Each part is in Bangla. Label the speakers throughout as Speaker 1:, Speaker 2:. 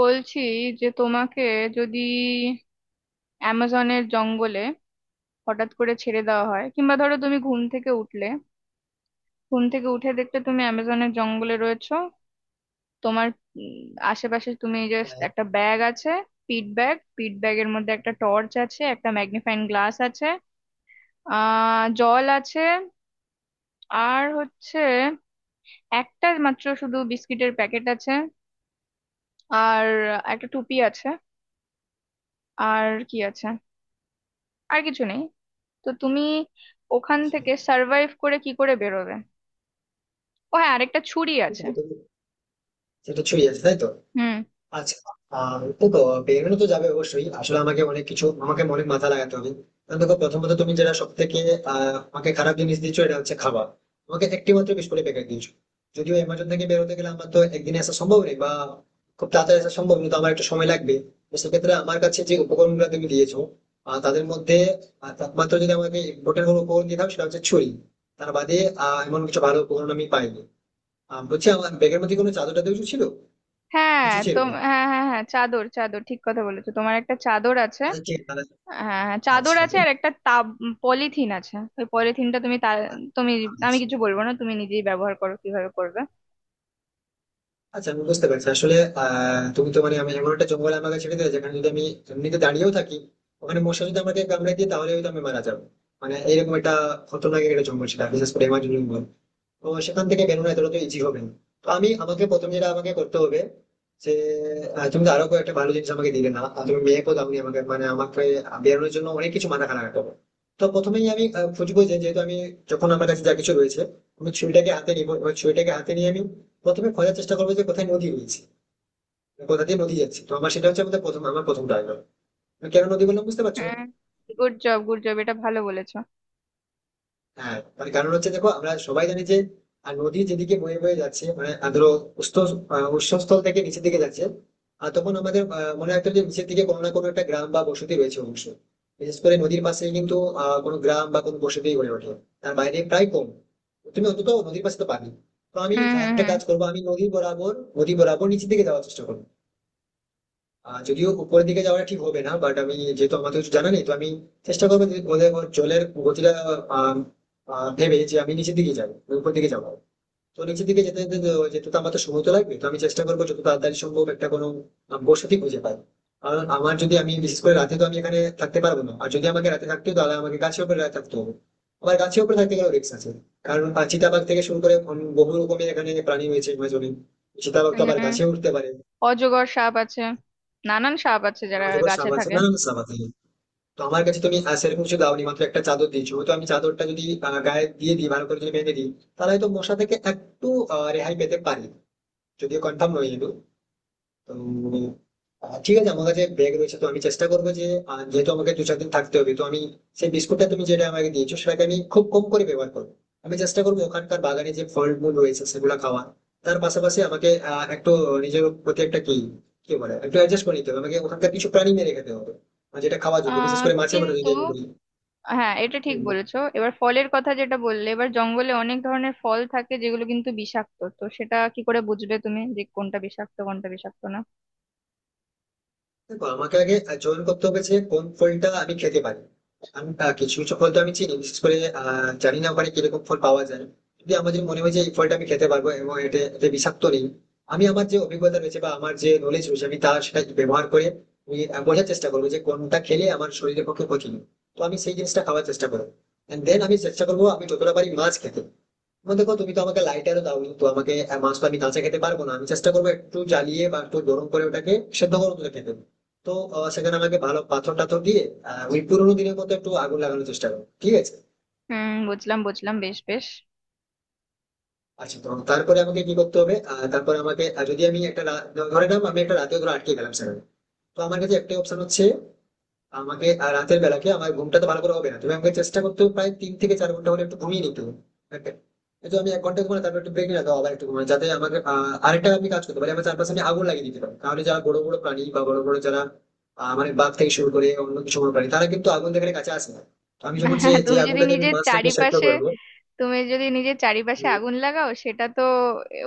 Speaker 1: বলছি যে তোমাকে যদি অ্যামাজনের জঙ্গলে হঠাৎ করে ছেড়ে দেওয়া হয়, কিংবা ধরো তুমি ঘুম থেকে উঠলে, ঘুম থেকে উঠে দেখতে তুমি অ্যামাজনের জঙ্গলে রয়েছো। তোমার উম, আশেপাশে তুমি জাস্ট
Speaker 2: আচ্ছা,
Speaker 1: একটা ব্যাগ আছে। পিট ব্যাগ, পিট ব্যাগের মধ্যে একটা টর্চ আছে, একটা ম্যাগনিফাইং গ্লাস আছে, জল আছে, আর হচ্ছে একটা মাত্র শুধু বিস্কিটের প্যাকেট আছে, আর একটা টুপি আছে। আর কি আছে? আর কিছু নেই। তো তুমি ওখান থেকে সার্ভাইভ করে কি করে বেরোবে? ও হ্যাঁ, আরেকটা ছুরি আছে।
Speaker 2: সেটাই তো, সেটা ছুঁয়ে যাচ্ছে তাই তো।
Speaker 1: হুম।
Speaker 2: আচ্ছা। দেখো, বেরোনো তো যাবে অবশ্যই। আসলে আমাকে অনেক কিছু, আমাকে অনেক মাথা লাগাতে হবে। কারণ দেখো, প্রথমত তুমি যেটা সব থেকে আমাকে খারাপ জিনিস দিচ্ছ, এটা হচ্ছে খাবার। আমাকে একটি মাত্র বিস্কুটের প্যাকেট দিয়েছো। যদিও অ্যামাজন থেকে বেরোতে গেলে আমার তো একদিনে আসা সম্ভব নেই বা খুব তাড়াতাড়ি আসা সম্ভব নয়, তো আমার একটু সময় লাগবে। তো সেক্ষেত্রে আমার কাছে যে উপকরণগুলো তুমি দিয়েছো, তাদের মধ্যে একমাত্র যদি আমাকে ইম্পর্টেন্ট কোনো উপকরণ দিয়ে দাও, সেটা হচ্ছে ছুরি। তার বাদে এমন কিছু ভালো উপকরণ আমি পাইনি। বলছি, আমার ব্যাগের মধ্যে কোনো চাদর টাদর কিছু ছিল?
Speaker 1: হ্যাঁ
Speaker 2: কিছু ছিল
Speaker 1: তো,
Speaker 2: না।
Speaker 1: হ্যাঁ, হ্যাঁ, হ্যাঁ, চাদর, চাদর ঠিক কথা বলেছো, তোমার একটা চাদর আছে।
Speaker 2: আচ্ছা, ঠিক মানে,
Speaker 1: হ্যাঁ, হ্যাঁ, হ্যাঁ, চাদর
Speaker 2: আচ্ছা,
Speaker 1: আছে, আর একটা পলিথিন আছে। ওই পলিথিনটা তুমি তুমি আমি
Speaker 2: আচ্ছা।
Speaker 1: কিছু বলবো না, তুমি নিজেই ব্যবহার করো কিভাবে করবে।
Speaker 2: আচ্ছা, আমি বুঝতে পারছি। আসলে তুমি তো মানে আমি এমন একটা জঙ্গলে আমাকে ছেড়ে দিলে, যেখানে যদি আমি এমনিতে দাঁড়িয়েও থাকি, ওখানে মশা যদি আমাকে কামড়ে দিয়ে, তাহলে হয়তো আমি মারা যাবো। মানে এরকম একটা খতরনাক একটা জঙ্গল ছিল, বিশেষ করে এমাজন জঙ্গল। তো সেখান থেকে বেরোনো এতটা তো ইজি হবে না। তো আমি, আমাকে প্রথম যেটা আমাকে করতে হবে যে তুমি তো আরো কয়েকটা ভালো জিনিস আমাকে দিলে না, আর তুমি মেয়েকেও দাওনি আমাকে, মানে আমাকে বেরোনোর জন্য অনেক কিছু মাথা খারাপ রাখতে হবে। তো প্রথমেই আমি খুঁজবো যে, যেহেতু আমি, যখন আমার কাছে যা কিছু রয়েছে, আমি ছুরিটাকে হাতে নিবো। এবার ছুরিটাকে হাতে নিয়ে আমি প্রথমে খোঁজার চেষ্টা করবো যে কোথায় নদী রয়েছে, কোথা দিয়ে নদী যাচ্ছে। তো আমার সেটা হচ্ছে, আমাদের প্রথম আমার প্রথম টার্গেট। কেন নদী বললাম, বুঝতে পারছো?
Speaker 1: হুম। গুড জব, গুড জব, এটা ভালো বলেছো।
Speaker 2: হ্যাঁ, মানে কারণ হচ্ছে দেখো, আমরা সবাই জানি যে নদী যেদিকে বয়ে বয়ে যাচ্ছে, মানে ধরো উৎস, উৎসস্থল থেকে নিচের দিকে যাচ্ছে। আর তখন আমাদের মনে রাখতে হবে যে নিচের দিকে কোনো না কোনো একটা গ্রাম বা বসতি রয়েছে অবশ্যই, বিশেষ করে নদীর পাশে। কিন্তু কোনো গ্রাম বা কোনো বসতি গড়ে ওঠে, তার বাইরে প্রায় কম। তুমি অন্তত নদীর পাশে তো পাবে। তো আমি
Speaker 1: হুম হুম
Speaker 2: একটা কাজ করবো, আমি নদী বরাবর নিচের দিকে যাওয়ার চেষ্টা করবো। যদিও উপরের দিকে যাওয়া ঠিক হবে না, বাট আমি যেহেতু, আমার তো কিছু জানা নেই, তো আমি চেষ্টা করবো যে ওদের, ওর জলের গতিটা আহ, আহ, ভেবে যে আমি নিচের দিকে যাবো, উপর দিকে যাবো। তো নিচের দিকে যেতে যেতে যেতে তো আমার তো সময় তো লাগবে। তো আমি চেষ্টা করবো যত তাড়াতাড়ি সম্ভব একটা কোনো বসতি খুঁজে পাই। কারণ আমার, যদি আমি বিশেষ করে রাতে তো আমি এখানে থাকতে পারবো না, আর যদি আমাকে রাতে থাকতে হয়, তাহলে আমাকে গাছের উপরে রাতে থাকতে হবে। আবার গাছের উপরে থাকতে গেলেও রিস্ক আছে, কারণ চিতাবাঘ থেকে শুরু করে অন্য বহু রকমের এখানে প্রাণী রয়েছে আমাজনে। চিতাবাঘ তো
Speaker 1: হুম।
Speaker 2: আবার
Speaker 1: হুম।
Speaker 2: গাছে উঠতে পারে।
Speaker 1: অজগর সাপ আছে, নানান সাপ আছে যারা
Speaker 2: আমাজনের
Speaker 1: গাছে
Speaker 2: সাপ আছে,
Speaker 1: থাকে।
Speaker 2: নানান সাপ আছে। তো আমার কাছে তুমি সেরকম কিছু দাওনি, মাত্র একটা চাদর দিয়েছো। তো আমি চাদরটা যদি গায়ে দিয়ে দিই, ভালো করে যদি বেঁধে দিই, তাহলে হয়তো মশা থেকে একটু রেহাই পেতে পারি, যদিও কনফার্ম নয়। কিন্তু তো ঠিক আছে, আমার কাছে ব্যাগ রয়েছে, তো আমি চেষ্টা করবো যে যেহেতু আমাকে 2-4 দিন থাকতে হবে, তো আমি সেই বিস্কুটটা তুমি যেটা আমাকে দিয়েছো সেটাকে আমি খুব কম করে ব্যবহার করবো। আমি চেষ্টা করবো ওখানকার বাগানে যে ফল মূল রয়েছে সেগুলো খাওয়ার। তার পাশাপাশি আমাকে একটু নিজের প্রতি একটা, কি কি বলে, একটু অ্যাডজাস্ট করে নিতে হবে। আমাকে ওখানকার কিছু প্রাণী মেরে খেতে হবে, আর যেটা খাওয়া যোগ্য, বিশেষ
Speaker 1: আহ
Speaker 2: করে মাছের মতো
Speaker 1: কিন্তু
Speaker 2: যদি আমি বলি।
Speaker 1: হ্যাঁ, এটা ঠিক
Speaker 2: হুম,
Speaker 1: বলেছো। এবার ফলের কথা যেটা বললে, এবার জঙ্গলে অনেক ধরনের ফল থাকে যেগুলো কিন্তু বিষাক্ত। তো সেটা কি করে বুঝবে তুমি যে কোনটা বিষাক্ত, কোনটা বিষাক্ত না?
Speaker 2: দেখো আমাকে আগে চয়ন করতে হবে যে কোন ফলটা আমি খেতে পারি। আমি কিছু কিছু ফল তো আমি চিনি, বিশেষ করে জানি না ওখানে কিরকম ফল পাওয়া যায়। যদি আমার, যদি মনে হয় যে এই ফলটা আমি খেতে পারবো এবং এটা এটা বিষাক্ত নেই, আমি আমার যে অভিজ্ঞতা রয়েছে বা আমার যে নলেজ রয়েছে, আমি তার সেটা ব্যবহার করে আমি বোঝার চেষ্টা করবো যে কোনটা খেলে আমার শরীরের পক্ষে ক্ষতি নেই, তো আমি সেই জিনিসটা খাওয়ার চেষ্টা করবো। দেন আমি চেষ্টা করবো আমি যতটা পারি মাছ খেতে। আমার দেখো, তুমি তো আমাকে লাইটারও দাও, তো আমাকে মাছ তো আমি কাঁচা খেতে পারবো না, আমি চেষ্টা করবো একটু জ্বালিয়ে বা একটু গরম করে ওটাকে সেদ্ধ গরম করে খেতে হবে। তো সেখানে আমাকে ভালো পাথর টাথর দিয়ে ওই পুরোনো দিনের মতো একটু আগুন লাগানোর চেষ্টা করো, ঠিক আছে?
Speaker 1: হুম, বুঝলাম বুঝলাম, বেশ বেশ।
Speaker 2: আচ্ছা, তো তারপরে আমাকে কি করতে হবে? তারপরে আমাকে যদি আমি একটা ধরে নাও আমি একটা রাতে ধরে আটকে গেলাম সেখানে, তো আমার কাছে একটাই অপশন হচ্ছে, আমাকে আর রাতের বেলাকে আমার ঘুমটা তো ভালো করে হবে না। তুমি আমাকে, চেষ্টা করতে হবে প্রায় 3 থেকে 4 ঘন্টা হলে একটু ঘুমিয়ে নিতে হবে। Okay? এই তো আমি 1 ঘন্টা ঘুমানো, তারপর একটু ব্রেক নিলাম, আবার একটু ঘুমানো, যাতে আমাকে আরেকটা আমি কাজ করতে পারি। আমার চারপাশে আমি আগুন লাগিয়ে দিতে পারি, তাহলে যারা বড় বড় প্রাণী বা বড় বড় যারা মানে বাঘ থেকে শুরু করে অন্য কিছু বড় প্রাণী, তারা কিন্তু আগুন দেখার কাছে আসে না। তো আমি যখন সে, যে
Speaker 1: তুমি যদি
Speaker 2: আগুনটাতে আমি
Speaker 1: নিজের
Speaker 2: মাছটাকে সেদ্ধ
Speaker 1: চারিপাশে
Speaker 2: করবো।
Speaker 1: তুমি যদি নিজের চারিপাশে
Speaker 2: উম,
Speaker 1: আগুন লাগাও, সেটা তো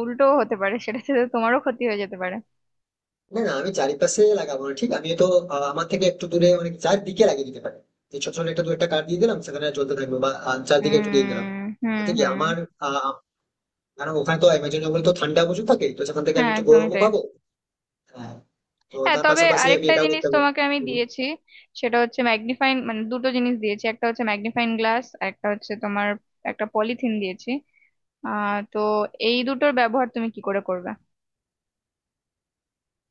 Speaker 1: উল্টো হতে পারে, সেটাতে তো তোমারও ক্ষতি হয়ে যেতে পারে।
Speaker 2: না না, আমি চারিপাশে লাগাবো না, ঠিক আমি তো আমার থেকে একটু দূরে অনেক চারদিকে লাগিয়ে দিতে পারি, যে ছোট ছোট একটা দু একটা কাঠ দিয়ে দিলাম সেখানে জ্বলতে থাকবে, বা চারদিকে একটু দিয়ে দিলাম।
Speaker 1: উম হুম,
Speaker 2: তাতে কি
Speaker 1: হুম।
Speaker 2: আমার আহ, কারণ ওখানে তো অ্যামাজন জঙ্গল তো ঠান্ডা প্রচুর থাকে, তো সেখান থেকে
Speaker 1: হ্যাঁ,
Speaker 2: আমি একটু
Speaker 1: একদমই
Speaker 2: গরমও
Speaker 1: তাই।
Speaker 2: পাবো। হ্যাঁ, তো
Speaker 1: হ্যাঁ,
Speaker 2: তার
Speaker 1: তবে
Speaker 2: পাশাপাশি আমি
Speaker 1: আরেকটা
Speaker 2: এটাও
Speaker 1: জিনিস
Speaker 2: করতে পারবো।
Speaker 1: তোমাকে আমি
Speaker 2: হুম।
Speaker 1: দিয়েছি। সেটা হচ্ছে ম্যাগনিফাইং, মানে দুটো জিনিস দিয়েছি, একটা হচ্ছে ম্যাগনিফাইং গ্লাস, একটা হচ্ছে তোমার একটা পলিথিন দিয়েছি। তো এই দুটোর ব্যবহার তুমি কি করে করবে?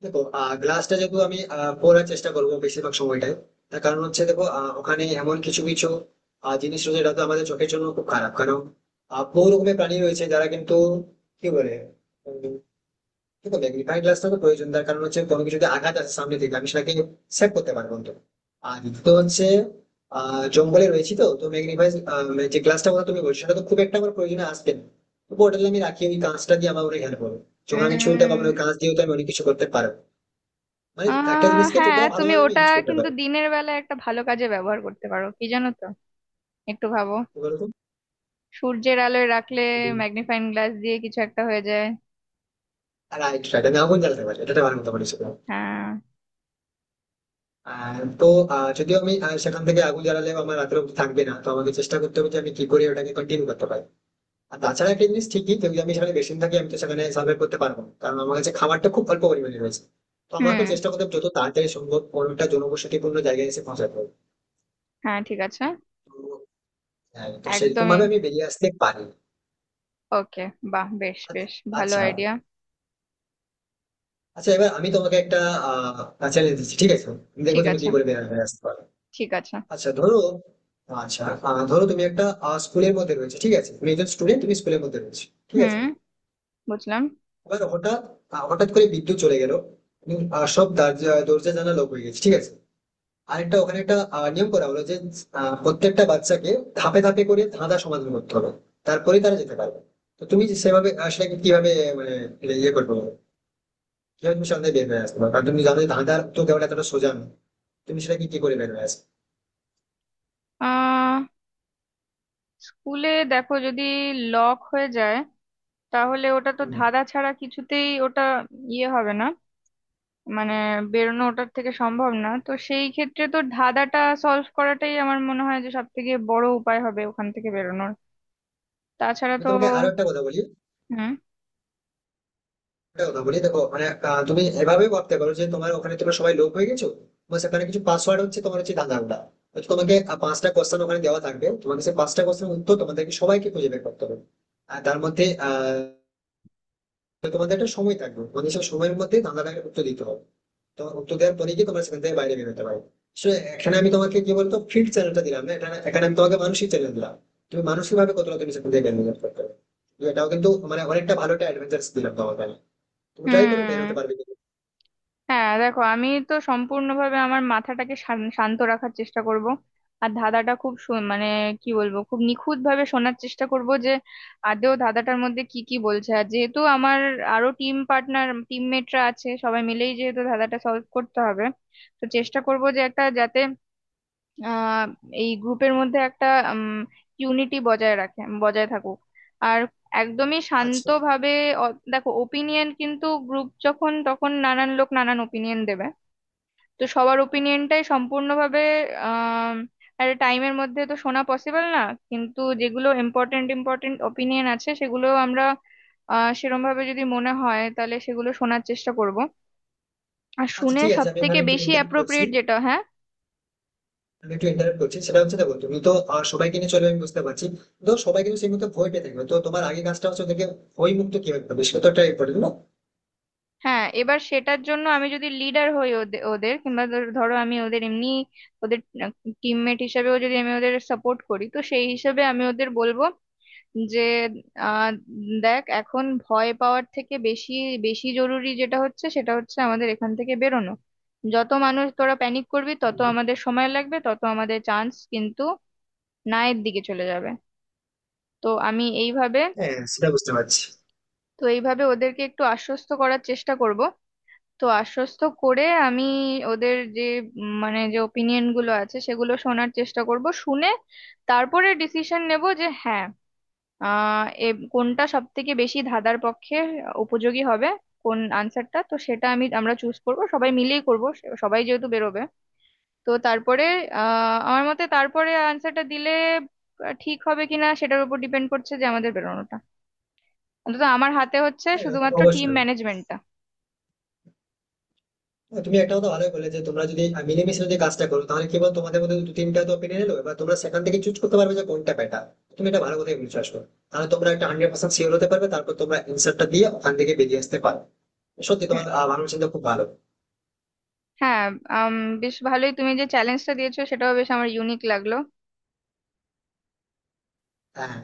Speaker 2: দেখো, গ্লাসটা যেহেতু আমি পরার চেষ্টা করবো বেশিরভাগ সময়টাই, তার কারণ হচ্ছে দেখো, ওখানে এমন কিছু কিছু জিনিস রয়েছে যেটা তো আমাদের চোখের জন্য খুব খারাপ। কারণ বহু রকমের প্রাণী রয়েছে যারা কিন্তু, কি বলে, কিন্তু ম্যাগনিফাইং গ্লাস তো প্রয়োজন। তার কারণ হচ্ছে কোনো কিছুতে আঘাত আছে সামনে থেকে, আমি সেটাকে সেভ করতে পারবো। তো আর দ্বিতীয় হচ্ছে জঙ্গলে রয়েছি, তো তো ম্যাগনিফাই, যে গ্লাসটা কথা তুমি বলছো, সেটা তো খুব একটা আমার প্রয়োজনে আসবে না। তবু ওটা যদি আমি রাখি, ওই কাঁচটা দিয়ে আমার অনেক হেল্প হবে। যখন আমি ছুরিটা পাবো
Speaker 1: উম,
Speaker 2: না, ওই কাঁচ দিয়েও তো আমি অনেক কিছু করতে পারবো, মানে
Speaker 1: আহ
Speaker 2: একটা জিনিসকে
Speaker 1: হ্যাঁ,
Speaker 2: যতটা
Speaker 1: তুমি
Speaker 2: ভালোভাবে আমি
Speaker 1: ওটা
Speaker 2: ইউজ করতে
Speaker 1: কিন্তু
Speaker 2: পারবো।
Speaker 1: দিনের বেলা একটা ভালো কাজে ব্যবহার করতে পারো, কি জানো তো? একটু ভাবো।
Speaker 2: কি বলতো,
Speaker 1: সূর্যের আলোয় রাখলে ম্যাগনিফাইং গ্লাস দিয়ে কিছু একটা হয়ে যায়।
Speaker 2: আর রাইট রাইট, আমি আগুন জ্বালাতে পারি, এটা একটা ভালো কথা বলেছো তুমি।
Speaker 1: হ্যাঁ।
Speaker 2: আর তো যদিও আমি সেখান থেকে আগুন জ্বালালেও আমার রাত্রে অবধি থাকবে না, তো আমাকে চেষ্টা করতে হবে যে আমি কি করে ওটাকে কন্টিনিউ করতে পারি। আর তাছাড়া একটা জিনিস ঠিকই, যদি আমি সেখানে বেশি দিন থাকি, আমি তো সেখানে সার্ভে করতে পারবো না, কারণ আমার কাছে খাবারটা খুব অল্প পরিমাণে রয়েছে। তো আমাকে
Speaker 1: হুম।
Speaker 2: চেষ্টা করতে হবে যত তাড়াতাড়ি সম্ভব কোনোটা জনবসতিপূর্ণ জায়গায় এসে পৌঁছাতে হবে।
Speaker 1: হ্যাঁ ঠিক আছে।
Speaker 2: তো হ্যাঁ, তো সেরকম
Speaker 1: একদমই।
Speaker 2: ভাবে আমি বেরিয়ে আসতে পারি।
Speaker 1: ওকে। বাহ, বেশ
Speaker 2: আচ্ছা,
Speaker 1: বেশ, ভালো
Speaker 2: আচ্ছা,
Speaker 1: আইডিয়া।
Speaker 2: আচ্ছা, এবার আমি তোমাকে একটা চ্যালেঞ্জ দিচ্ছি, ঠিক আছে? দেখো
Speaker 1: ঠিক
Speaker 2: তুমি
Speaker 1: আছে,
Speaker 2: কি করে বেরিয়ে আসতে পারো।
Speaker 1: ঠিক আছে।
Speaker 2: আচ্ছা ধরো, আচ্ছা ধরো তুমি একটা স্কুলের মধ্যে রয়েছে, ঠিক আছে? তুমি একজন স্টুডেন্ট, তুমি স্কুলের মধ্যে রয়েছে, ঠিক আছে?
Speaker 1: হুম, বুঝলাম।
Speaker 2: এবার হঠাৎ হঠাৎ করে বিদ্যুৎ চলে গেল, এবং সব দরজা, দরজা জানা লক হয়ে গেছে, ঠিক আছে? আর একটা ওখানে একটা নিয়ম করা হলো যে প্রত্যেকটা বাচ্চাকে ধাপে ধাপে করে ধাঁধা সমাধান করতে হবে, তারপরে তারা যেতে পারবে। তো তুমি যে সেভাবে সেটাকে কিভাবে মানে এটা ইয়ে করবে, কিভাবে তুমি সন্ধ্যায় বের হয়ে আসতে পারবে, কারণ তুমি জানো যে ধাঁধার উত্তর দেওয়াটা এতটা সোজা নয়। তুমি সেটাকে কি করে বের হয়ে আসবে?
Speaker 1: আহ স্কুলে দেখো যদি লক হয়ে যায়, তাহলে ওটা তো
Speaker 2: হুম।
Speaker 1: ধাঁধা ছাড়া কিছুতেই ওটা ইয়ে হবে না। মানে বেরোনো ওটার থেকে সম্ভব না। তো সেই ক্ষেত্রে তো ধাঁধাটা সলভ করাটাই আমার মনে হয় যে সব থেকে বড় উপায় হবে ওখান থেকে বেরোনোর। তাছাড়া
Speaker 2: আমি
Speaker 1: তো।
Speaker 2: তোমাকে আরো
Speaker 1: হুম
Speaker 2: একটা কথা বলি, দেখো মানে তুমি এভাবেই ভাবতে পারো যে তোমার ওখানে তোমরা সবাই লোক হয়ে গেছো। তোমার সেখানে কিছু পাসওয়ার্ড হচ্ছে, তোমার হচ্ছে ধাঁধাটা। হয়তো তোমাকে 5টা কোশ্চেন ওখানে দেওয়া থাকবে, তোমাকে সেই 5টা কোশ্চেন উত্তর তোমাদেরকে সবাইকে খুঁজে বের করতে হবে। আর তার মধ্যে তোমাদের একটা সময় থাকবে, তোমাদের সেই সময়ের মধ্যে ধাঁধাটাকে উত্তর দিতে হবে। তো উত্তর দেওয়ার পরে গিয়ে তোমরা সেখান থেকে বাইরে বেরোতে পারো। So, এখানে আমি তোমাকে কি বলতো ফিল্ড চ্যানেলটা দিলাম না, এখানে এখানে আমি তোমাকে মানসিক চ্যানেল দিলাম। তুমি মানসিক ভাবে কতটা তুমি সেখান থেকে বের করতে পারবে। তো এটাও কিন্তু মানে অনেকটা ভালো একটা অ্যাডভেঞ্চার দিলাম তোমাকে আমি। তুমি ট্রাই করো বের হতে
Speaker 1: হুম।
Speaker 2: পারবে কিনা।
Speaker 1: হ্যাঁ, দেখো আমি তো সম্পূর্ণভাবে আমার মাথাটাকে শান্ত রাখার চেষ্টা করব। আর ধাঁধাটা খুব মানে কি বলবো, খুব নিখুঁত ভাবে শোনার চেষ্টা করব যে আদৌ ধাঁধাটার মধ্যে কি কি বলছে। আর যেহেতু আমার আরো টিম পার্টনার, টিমমেটরা আছে, সবাই মিলেই যেহেতু ধাঁধাটা সলভ করতে হবে, তো চেষ্টা করব যে একটা যাতে আহ এই গ্রুপের মধ্যে একটা ইউনিটি বজায় থাকুক। আর একদমই
Speaker 2: আচ্ছা,
Speaker 1: শান্তভাবে। দেখো ওপিনিয়ন, কিন্তু গ্রুপ যখন, তখন নানান লোক নানান ওপিনিয়ন দেবে। তো সবার ওপিনিয়নটাই সম্পূর্ণভাবে আহ একটা টাইমের মধ্যে তো শোনা পসিবল না। কিন্তু যেগুলো ইম্পর্টেন্ট, ইম্পর্টেন্ট ওপিনিয়ন আছে সেগুলো আমরা সেরম ভাবে যদি মনে হয় তাহলে সেগুলো শোনার চেষ্টা করব। আর
Speaker 2: আচ্ছা,
Speaker 1: শুনে
Speaker 2: ঠিক
Speaker 1: সব
Speaker 2: আছে।
Speaker 1: থেকে বেশি অ্যাপ্রোপ্রিয়েট যেটা, হ্যাঁ।
Speaker 2: আমি একটু ইন্টারেক্ট করছি। সেটা হচ্ছে দেখো, তুমি তো সবাইকে নিয়ে চলে, আমি বুঝতে পারছি। তো সবাই কিন্তু সেই মতো ভয় পেয়ে থাকবে, তো তোমার আগে কাজটা হচ্ছে ওদেরকে ভয় মুক্ত কিভাবে করবে, সেটা তো ট্রাই করবে না?
Speaker 1: হ্যাঁ, এবার সেটার জন্য আমি যদি লিডার হই ওদের, কিংবা ধরো আমি ওদের এমনি ওদের টিমমেট হিসেবেও যদি আমি ওদের সাপোর্ট করি, তো সেই হিসেবে আমি ওদের বলবো যে আহ, দেখ এখন ভয় পাওয়ার থেকে বেশি বেশি জরুরি যেটা হচ্ছে সেটা হচ্ছে আমাদের এখান থেকে বেরোনো। যত মানুষ তোরা প্যানিক করবি, তত
Speaker 2: হুম,
Speaker 1: আমাদের সময় লাগবে, তত আমাদের চান্স কিন্তু নায়ের দিকে চলে যাবে। তো আমি এইভাবে,
Speaker 2: হ্যাঁ সেটা বুঝতে পারছি।
Speaker 1: তো এইভাবে ওদেরকে একটু আশ্বস্ত করার চেষ্টা করব। তো আশ্বস্ত করে আমি ওদের যে মানে যে ওপিনিয়ন গুলো আছে সেগুলো শোনার চেষ্টা করব, শুনে তারপরে ডিসিশন নেব যে হ্যাঁ, আহ এ কোনটা সব থেকে বেশি ধাঁধার পক্ষে উপযোগী হবে, কোন আনসারটা। তো সেটা আমরা চুজ করব, সবাই মিলেই করব, সবাই যেহেতু বেরোবে। তো তারপরে আমার মতে তারপরে আনসারটা দিলে ঠিক হবে কিনা সেটার উপর ডিপেন্ড করছে যে আমাদের বেরোনোটা। অন্তত আমার হাতে হচ্ছে
Speaker 2: হ্যাঁ,
Speaker 1: শুধুমাত্র টিম
Speaker 2: অবশ্যই।
Speaker 1: ম্যানেজমেন্টটা।
Speaker 2: হ্যাঁ, তুমি একটা কথা ভালোই বলে যে তোমরা যদি মিলেমিশে যদি কাজটা করো, তাহলে কি বল, তোমাদের মধ্যে দু তিনটা তো পেরে এলো, এবার তোমরা সেখান থেকে চুজ করতে পারবে যে কোনটা বেটার। তুমি এটা ভালো কথাই বলছো আসলে। তাহলে তোমরা একটা 100% শিওর হতে পারবে, তারপর তোমরা অ্যান্সারটা দিয়ে ওখান থেকে বেরিয়ে আসতে পারো। সত্যি তোমার ভাবনা চিন্তা খুব ভালো।
Speaker 1: হ্যাঁ। আম, বেশ ভালোই, তুমি যে চ্যালেঞ্জটা দিয়েছো সেটাও বেশ আমার ইউনিক লাগলো।
Speaker 2: হ্যাঁ